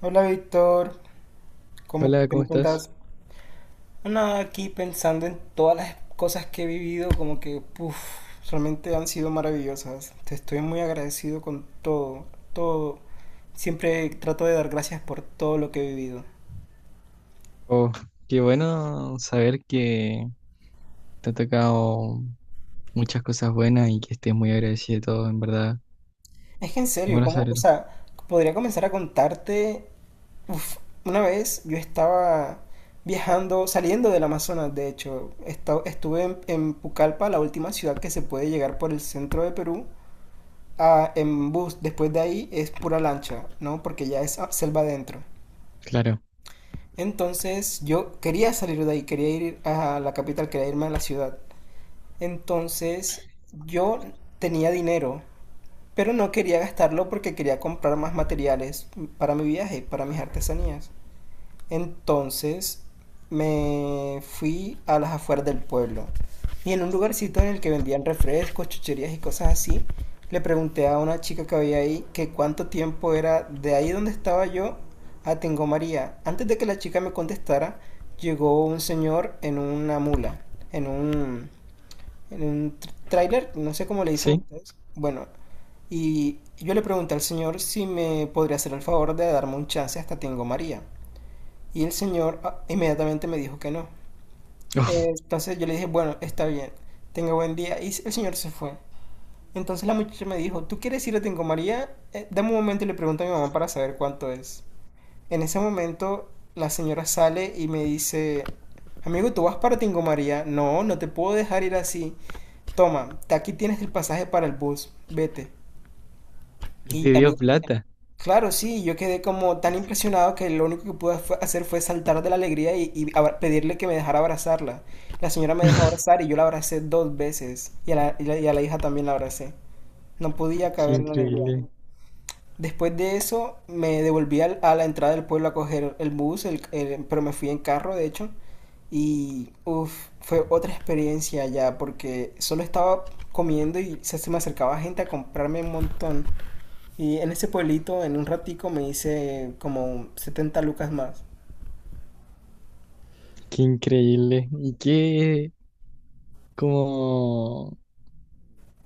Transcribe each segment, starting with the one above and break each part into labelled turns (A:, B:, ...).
A: Hola Víctor, ¿cómo
B: Hola,
A: qué
B: ¿cómo
A: me
B: estás?
A: cuentas? Nada, aquí pensando en todas las cosas que he vivido, como que, realmente han sido maravillosas. Te estoy muy agradecido con todo, todo. Siempre trato de dar gracias por todo lo que he vivido.
B: Oh, qué bueno saber que te ha tocado muchas cosas buenas y que estés muy agradecido de todo, en verdad.
A: Es que en
B: Es
A: serio,
B: bueno
A: ¿cómo? O
B: saberlo.
A: sea, podría comenzar a contarte, uf, una vez yo estaba viajando, saliendo del Amazonas, de hecho, estuve en Pucallpa, la última ciudad que se puede llegar por el centro de Perú. En bus después de ahí es pura lancha, ¿no? Porque ya es selva adentro.
B: Claro,
A: Entonces yo quería salir de ahí, quería ir a la capital, quería irme a la ciudad. Entonces yo tenía dinero, pero no quería gastarlo porque quería comprar más materiales para mi viaje, para mis artesanías. Entonces me fui a las afueras del pueblo y en un lugarcito en el que vendían refrescos, chucherías y cosas así, le pregunté a una chica que había ahí que cuánto tiempo era de ahí donde estaba yo a Tengo María. Antes de que la chica me contestara, llegó un señor en una mula, en un, en un tráiler, no sé cómo le dicen
B: sí.
A: ustedes. Bueno, y yo le pregunté al señor si me podría hacer el favor de darme un chance hasta Tengo María. Y el señor inmediatamente me dijo que no. Eh,
B: Oh,
A: Entonces yo le dije, bueno, está bien, tenga buen día. Y el señor se fue. Entonces la muchacha me dijo, ¿tú quieres ir a Tingo María? Dame un momento y le pregunto a mi mamá para saber cuánto es. En ese momento la señora sale y me dice, amigo, ¿tú vas para Tingo María? No, no te puedo dejar ir así. Toma, aquí tienes el pasaje para el bus, vete.
B: y te
A: Y a mí
B: dio plata.
A: Claro, sí, yo quedé como tan impresionado que lo único que pude hacer fue saltar de la alegría y pedirle que me dejara abrazarla. La señora me dejó abrazar y yo la abracé dos veces y a la hija también la abracé. No podía
B: Qué
A: caber la alegría.
B: increíble,
A: Después de eso me devolví a la entrada del pueblo a coger el bus, pero me fui en carro de hecho y fue otra experiencia ya porque solo estaba comiendo y se me acercaba gente a comprarme un montón. Y en ese pueblito, en un ratico, me hice como 70 lucas más.
B: qué increíble. Y qué como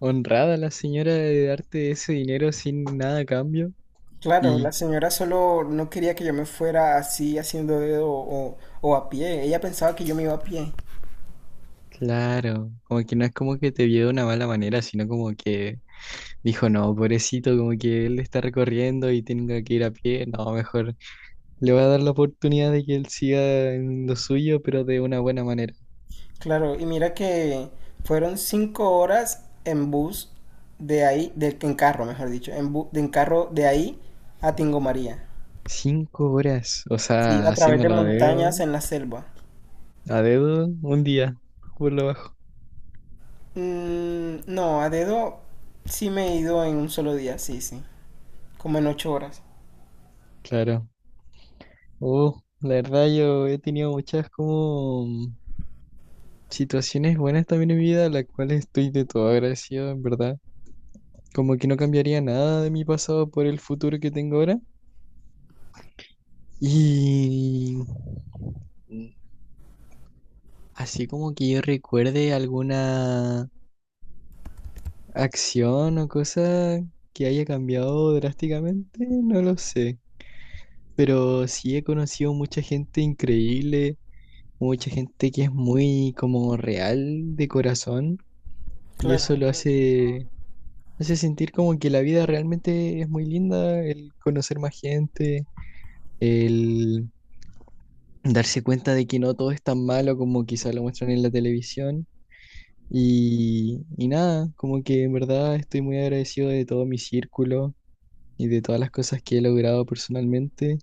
B: honrada la señora de darte ese dinero sin nada a cambio.
A: Claro,
B: Y
A: la señora solo no quería que yo me fuera así haciendo dedo o a pie. Ella pensaba que yo me iba a pie.
B: claro, como que no es como que te vio de una mala manera, sino como que dijo, no, pobrecito, como que él está recorriendo y tenga que ir a pie. No, mejor le voy a dar la oportunidad de que él siga en lo suyo, pero de una buena manera.
A: Claro, y mira que fueron 5 horas en bus de ahí, en carro, mejor dicho, en carro de ahí a Tingo María.
B: 5 horas, o
A: Sí,
B: sea,
A: a través de
B: haciéndolo
A: montañas en la selva.
B: a dedo, un día, por lo bajo.
A: Mm, no, a dedo sí me he ido en un solo día, sí, sí. Como en 8 horas.
B: Claro. Oh, la verdad yo he tenido muchas como situaciones buenas también en mi vida, a las cuales estoy de todo agradecido, en verdad. Como que no cambiaría nada de mi pasado por el futuro que tengo ahora. Y... así como que yo recuerde alguna acción o cosa que haya cambiado drásticamente, no lo sé. Pero sí he conocido mucha gente increíble, mucha gente que es muy como real de corazón y eso
A: Claro.
B: lo hace, hace sentir como que la vida realmente es muy linda, el conocer más gente, el darse cuenta de que no todo es tan malo como quizá lo muestran en la televisión. Y nada, como que en verdad estoy muy agradecido de todo mi círculo y de todas las cosas que he logrado personalmente.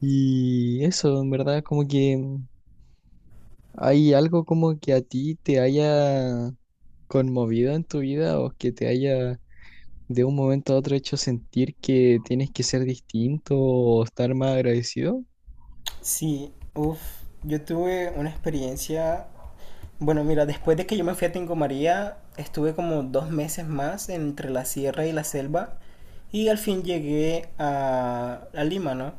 B: Y eso, en verdad, como que hay algo como que a ti te haya conmovido en tu vida o que te haya de un momento a otro hecho sentir que tienes que ser distinto o estar más agradecido.
A: Sí, yo tuve una experiencia, bueno, mira, después de que yo me fui a Tingo María, estuve como 2 meses más entre la sierra y la selva y al fin llegué a Lima, ¿no?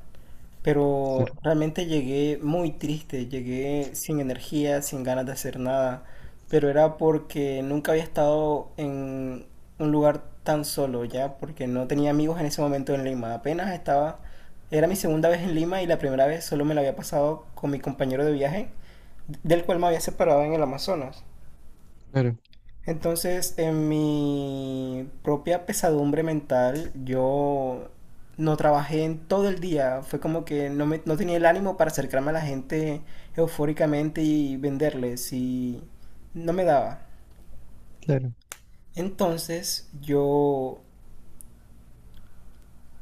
A: Pero
B: Claro.
A: realmente llegué muy triste, llegué sin energía, sin ganas de hacer nada, pero era porque nunca había estado en un lugar tan solo ya, porque no tenía amigos en ese momento en Lima, apenas estaba, era mi segunda vez en Lima y la primera vez solo me la había pasado con mi compañero de viaje, del cual me había separado en el Amazonas.
B: Claro,
A: Entonces, en mi propia pesadumbre mental, yo no trabajé en todo el día. Fue como que no tenía el ánimo para acercarme a la gente eufóricamente y venderles y no me daba.
B: claro.
A: Entonces, yo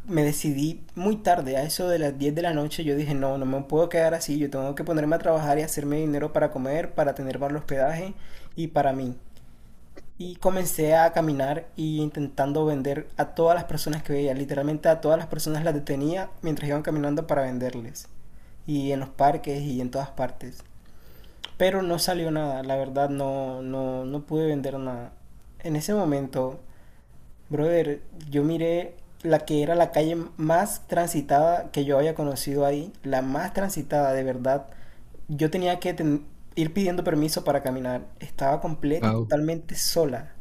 A: me decidí muy tarde, a eso de las 10 de la noche, yo dije, no, no me puedo quedar así, yo tengo que ponerme a trabajar y hacerme dinero para comer, para tener para el hospedaje y para mí. Y comencé a caminar y intentando vender a todas las personas que veía. Literalmente a todas las personas las detenía mientras iban caminando para venderles. Y en los parques y en todas partes. Pero no salió nada, la verdad no, no, no pude vender nada. En ese momento, brother, yo miré la que era la calle más transitada que yo había conocido ahí. La más transitada, de verdad. Yo tenía que ir pidiendo permiso para caminar. Estaba completa y
B: Wow,
A: totalmente sola.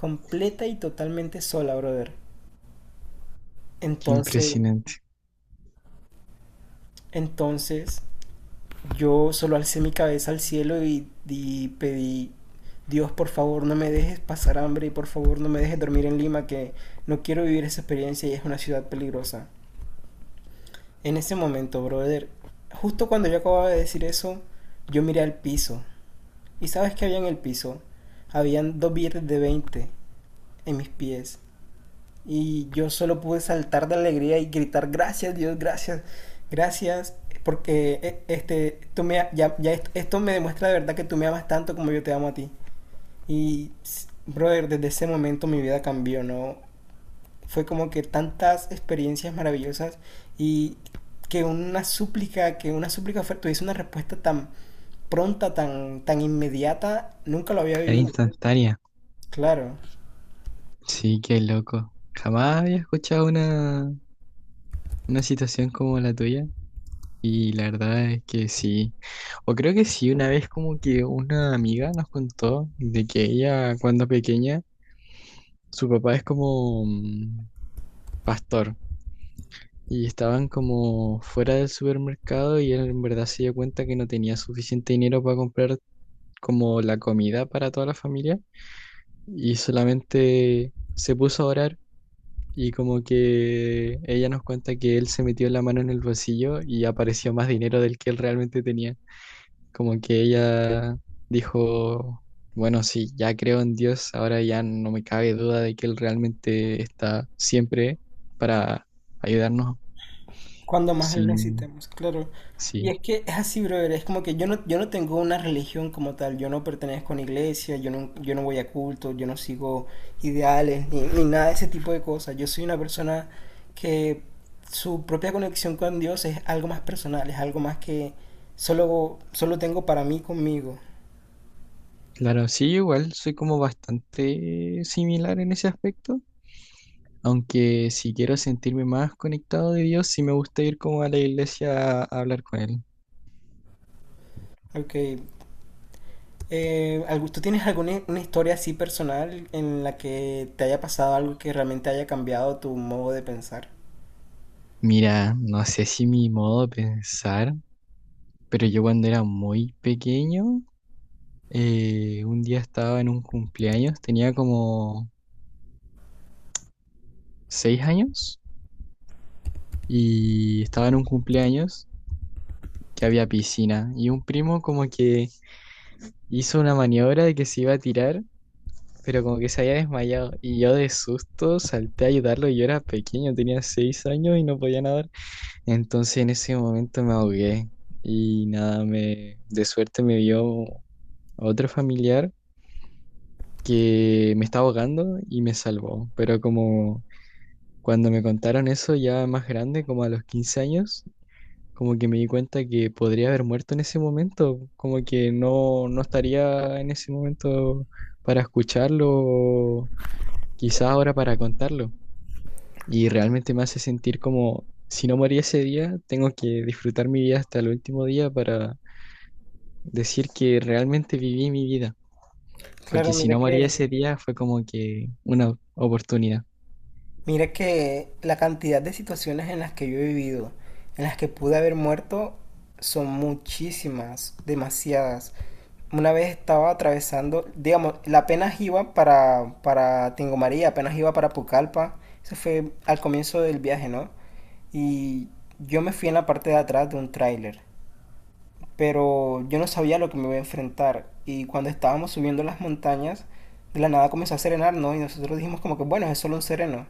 A: Completa y totalmente sola, brother.
B: qué
A: Entonces,
B: impresionante.
A: entonces, yo solo alcé mi cabeza al cielo y pedí, Dios, por favor, no me dejes pasar hambre y por favor, no me dejes dormir en Lima, que no quiero vivir esa experiencia y es una ciudad peligrosa. En ese momento, brother, justo cuando yo acababa de decir eso, yo miré al piso. ¿Y sabes qué había en el piso? Habían dos billetes de 20 en mis pies. Y yo solo pude saltar de alegría y gritar, gracias Dios, gracias, gracias, porque este, ya esto me demuestra de verdad que tú me amas tanto como yo te amo a ti. Y, brother, desde ese momento mi vida cambió, ¿no? Fue como que tantas experiencias maravillosas y que una súplica tuviese una respuesta tan pronta, tan, tan inmediata, nunca lo había
B: Era
A: vivido.
B: instantánea.
A: Claro.
B: Sí, qué loco. Jamás había escuchado una. Una situación como la tuya y la verdad es que sí, o creo que sí, una vez como que una amiga nos contó de que ella cuando pequeña, su papá es como pastor y estaban como fuera del supermercado y él en verdad se dio cuenta que no tenía suficiente dinero para comprar como la comida para toda la familia y solamente se puso a orar. Y como que ella nos cuenta que él se metió la mano en el bolsillo y apareció más dinero del que él realmente tenía. Como que ella dijo, bueno, sí, ya creo en Dios, ahora ya no me cabe duda de que Él realmente está siempre para ayudarnos.
A: Cuando más lo
B: Sí,
A: necesitemos, claro. Y
B: sí.
A: es que es así, brother, es como que yo no tengo una religión como tal, yo no pertenezco a una iglesia, yo no voy a culto, yo no sigo ideales, ni, ni nada de ese tipo de cosas. Yo soy una persona que su propia conexión con Dios es algo más personal, es algo más que solo tengo para mí conmigo.
B: Claro, sí, yo igual soy como bastante similar en ese aspecto, aunque si quiero sentirme más conectado de Dios, sí me gusta ir como a la iglesia a hablar con Él.
A: Ok. ¿Tú tienes alguna una historia así personal en la que te haya pasado algo que realmente haya cambiado tu modo de pensar?
B: Mira, no sé si mi modo de pensar, pero yo cuando era muy pequeño, eh, un día estaba en un cumpleaños, tenía como 6 años y estaba en un cumpleaños que había piscina y un primo como que hizo una maniobra de que se iba a tirar, pero como que se había desmayado y yo de susto salté a ayudarlo y yo era pequeño, tenía 6 años y no podía nadar. Entonces en ese momento me ahogué y nada, de suerte me vio otro familiar que me estaba ahogando y me salvó, pero como... cuando me contaron eso ya más grande, como a los 15 años, como que me di cuenta que podría haber muerto en ese momento, como que no, no estaría en ese momento para escucharlo, o quizá ahora para contarlo. Y realmente me hace sentir como, si no morí ese día, tengo que disfrutar mi vida hasta el último día para decir que realmente viví mi vida, porque
A: Claro,
B: si
A: mira
B: no
A: que
B: morí ese día fue como que una oportunidad.
A: La cantidad de situaciones en las que yo he vivido, en las que pude haber muerto, son muchísimas, demasiadas. Una vez estaba atravesando, digamos, la apenas iba para Tingo María, apenas iba para Pucallpa. Eso fue al comienzo del viaje, ¿no? Y yo me fui en la parte de atrás de un tráiler, pero yo no sabía lo que me iba a enfrentar. Y cuando estábamos subiendo las montañas, de la nada comenzó a serenar, ¿no? Y nosotros dijimos como que, bueno, es solo un sereno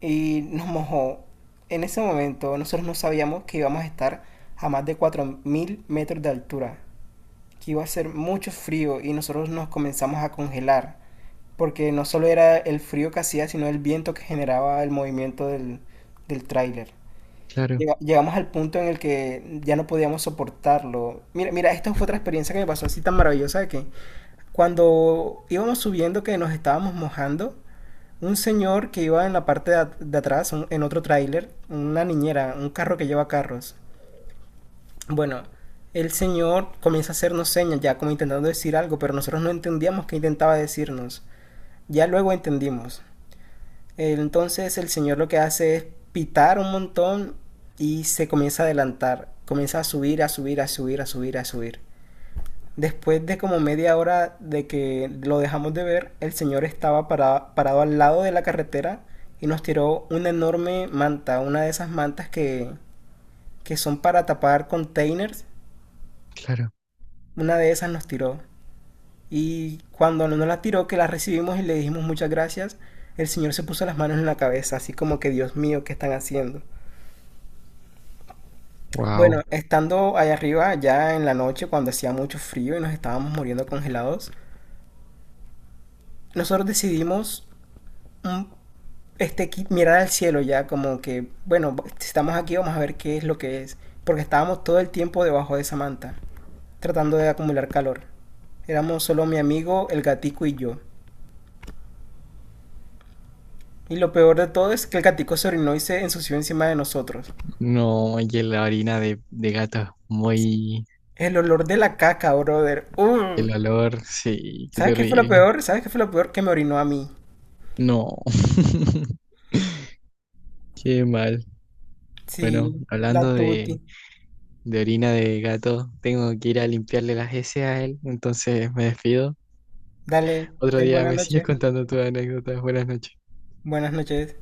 A: y nos mojó. En ese momento nosotros no sabíamos que íbamos a estar a más de 4.000 metros de altura, que iba a ser mucho frío y nosotros nos comenzamos a congelar, porque no solo era el frío que hacía, sino el viento que generaba el movimiento del tráiler.
B: Claro,
A: Llegamos al punto en el que ya no podíamos soportarlo. Mira, mira, esta fue otra experiencia que me pasó así tan maravillosa de que cuando íbamos subiendo que nos estábamos mojando, un señor que iba en la parte de atrás, en otro tráiler, una niñera, un carro que lleva carros. Bueno, el señor comienza a hacernos señas, ya como intentando decir algo, pero nosotros no entendíamos qué intentaba decirnos. Ya luego entendimos. Entonces el señor lo que hace es pitar un montón y se comienza a adelantar, comienza a subir, a subir, a subir, a subir, a subir. Después de como media hora de que lo dejamos de ver, el señor estaba parado al lado de la carretera y nos tiró una enorme manta, una de esas mantas que son para tapar containers.
B: claro.
A: Una de esas nos tiró. Y cuando nos la tiró, que la recibimos y le dijimos muchas gracias, el señor se puso las manos en la cabeza, así como que Dios mío, ¿qué están haciendo?
B: Wow.
A: Bueno, estando allá arriba, ya en la noche, cuando hacía mucho frío y nos estábamos muriendo congelados, nosotros decidimos un mirar al cielo ya, como que, bueno, estamos aquí, vamos a ver qué es lo que es. Porque estábamos todo el tiempo debajo de esa manta, tratando de acumular calor. Éramos solo mi amigo, el gatico y yo. Y lo peor de todo es que el gatico se orinó y se ensució encima de nosotros.
B: No, y que la orina de gato muy...
A: El olor de la caca, brother. ¡Uh!
B: El olor, sí, qué
A: ¿Sabes qué fue lo
B: terrible.
A: peor? ¿Sabes qué fue lo peor? Que me orinó a mí.
B: No, qué mal. Bueno,
A: Sí, la
B: hablando
A: tuti.
B: de orina de gato, tengo que ir a limpiarle las heces a él, entonces me despido.
A: Dale,
B: Otro
A: ten
B: día
A: buena
B: me sigues
A: noche.
B: contando tus anécdotas. Buenas noches.
A: Buenas noches.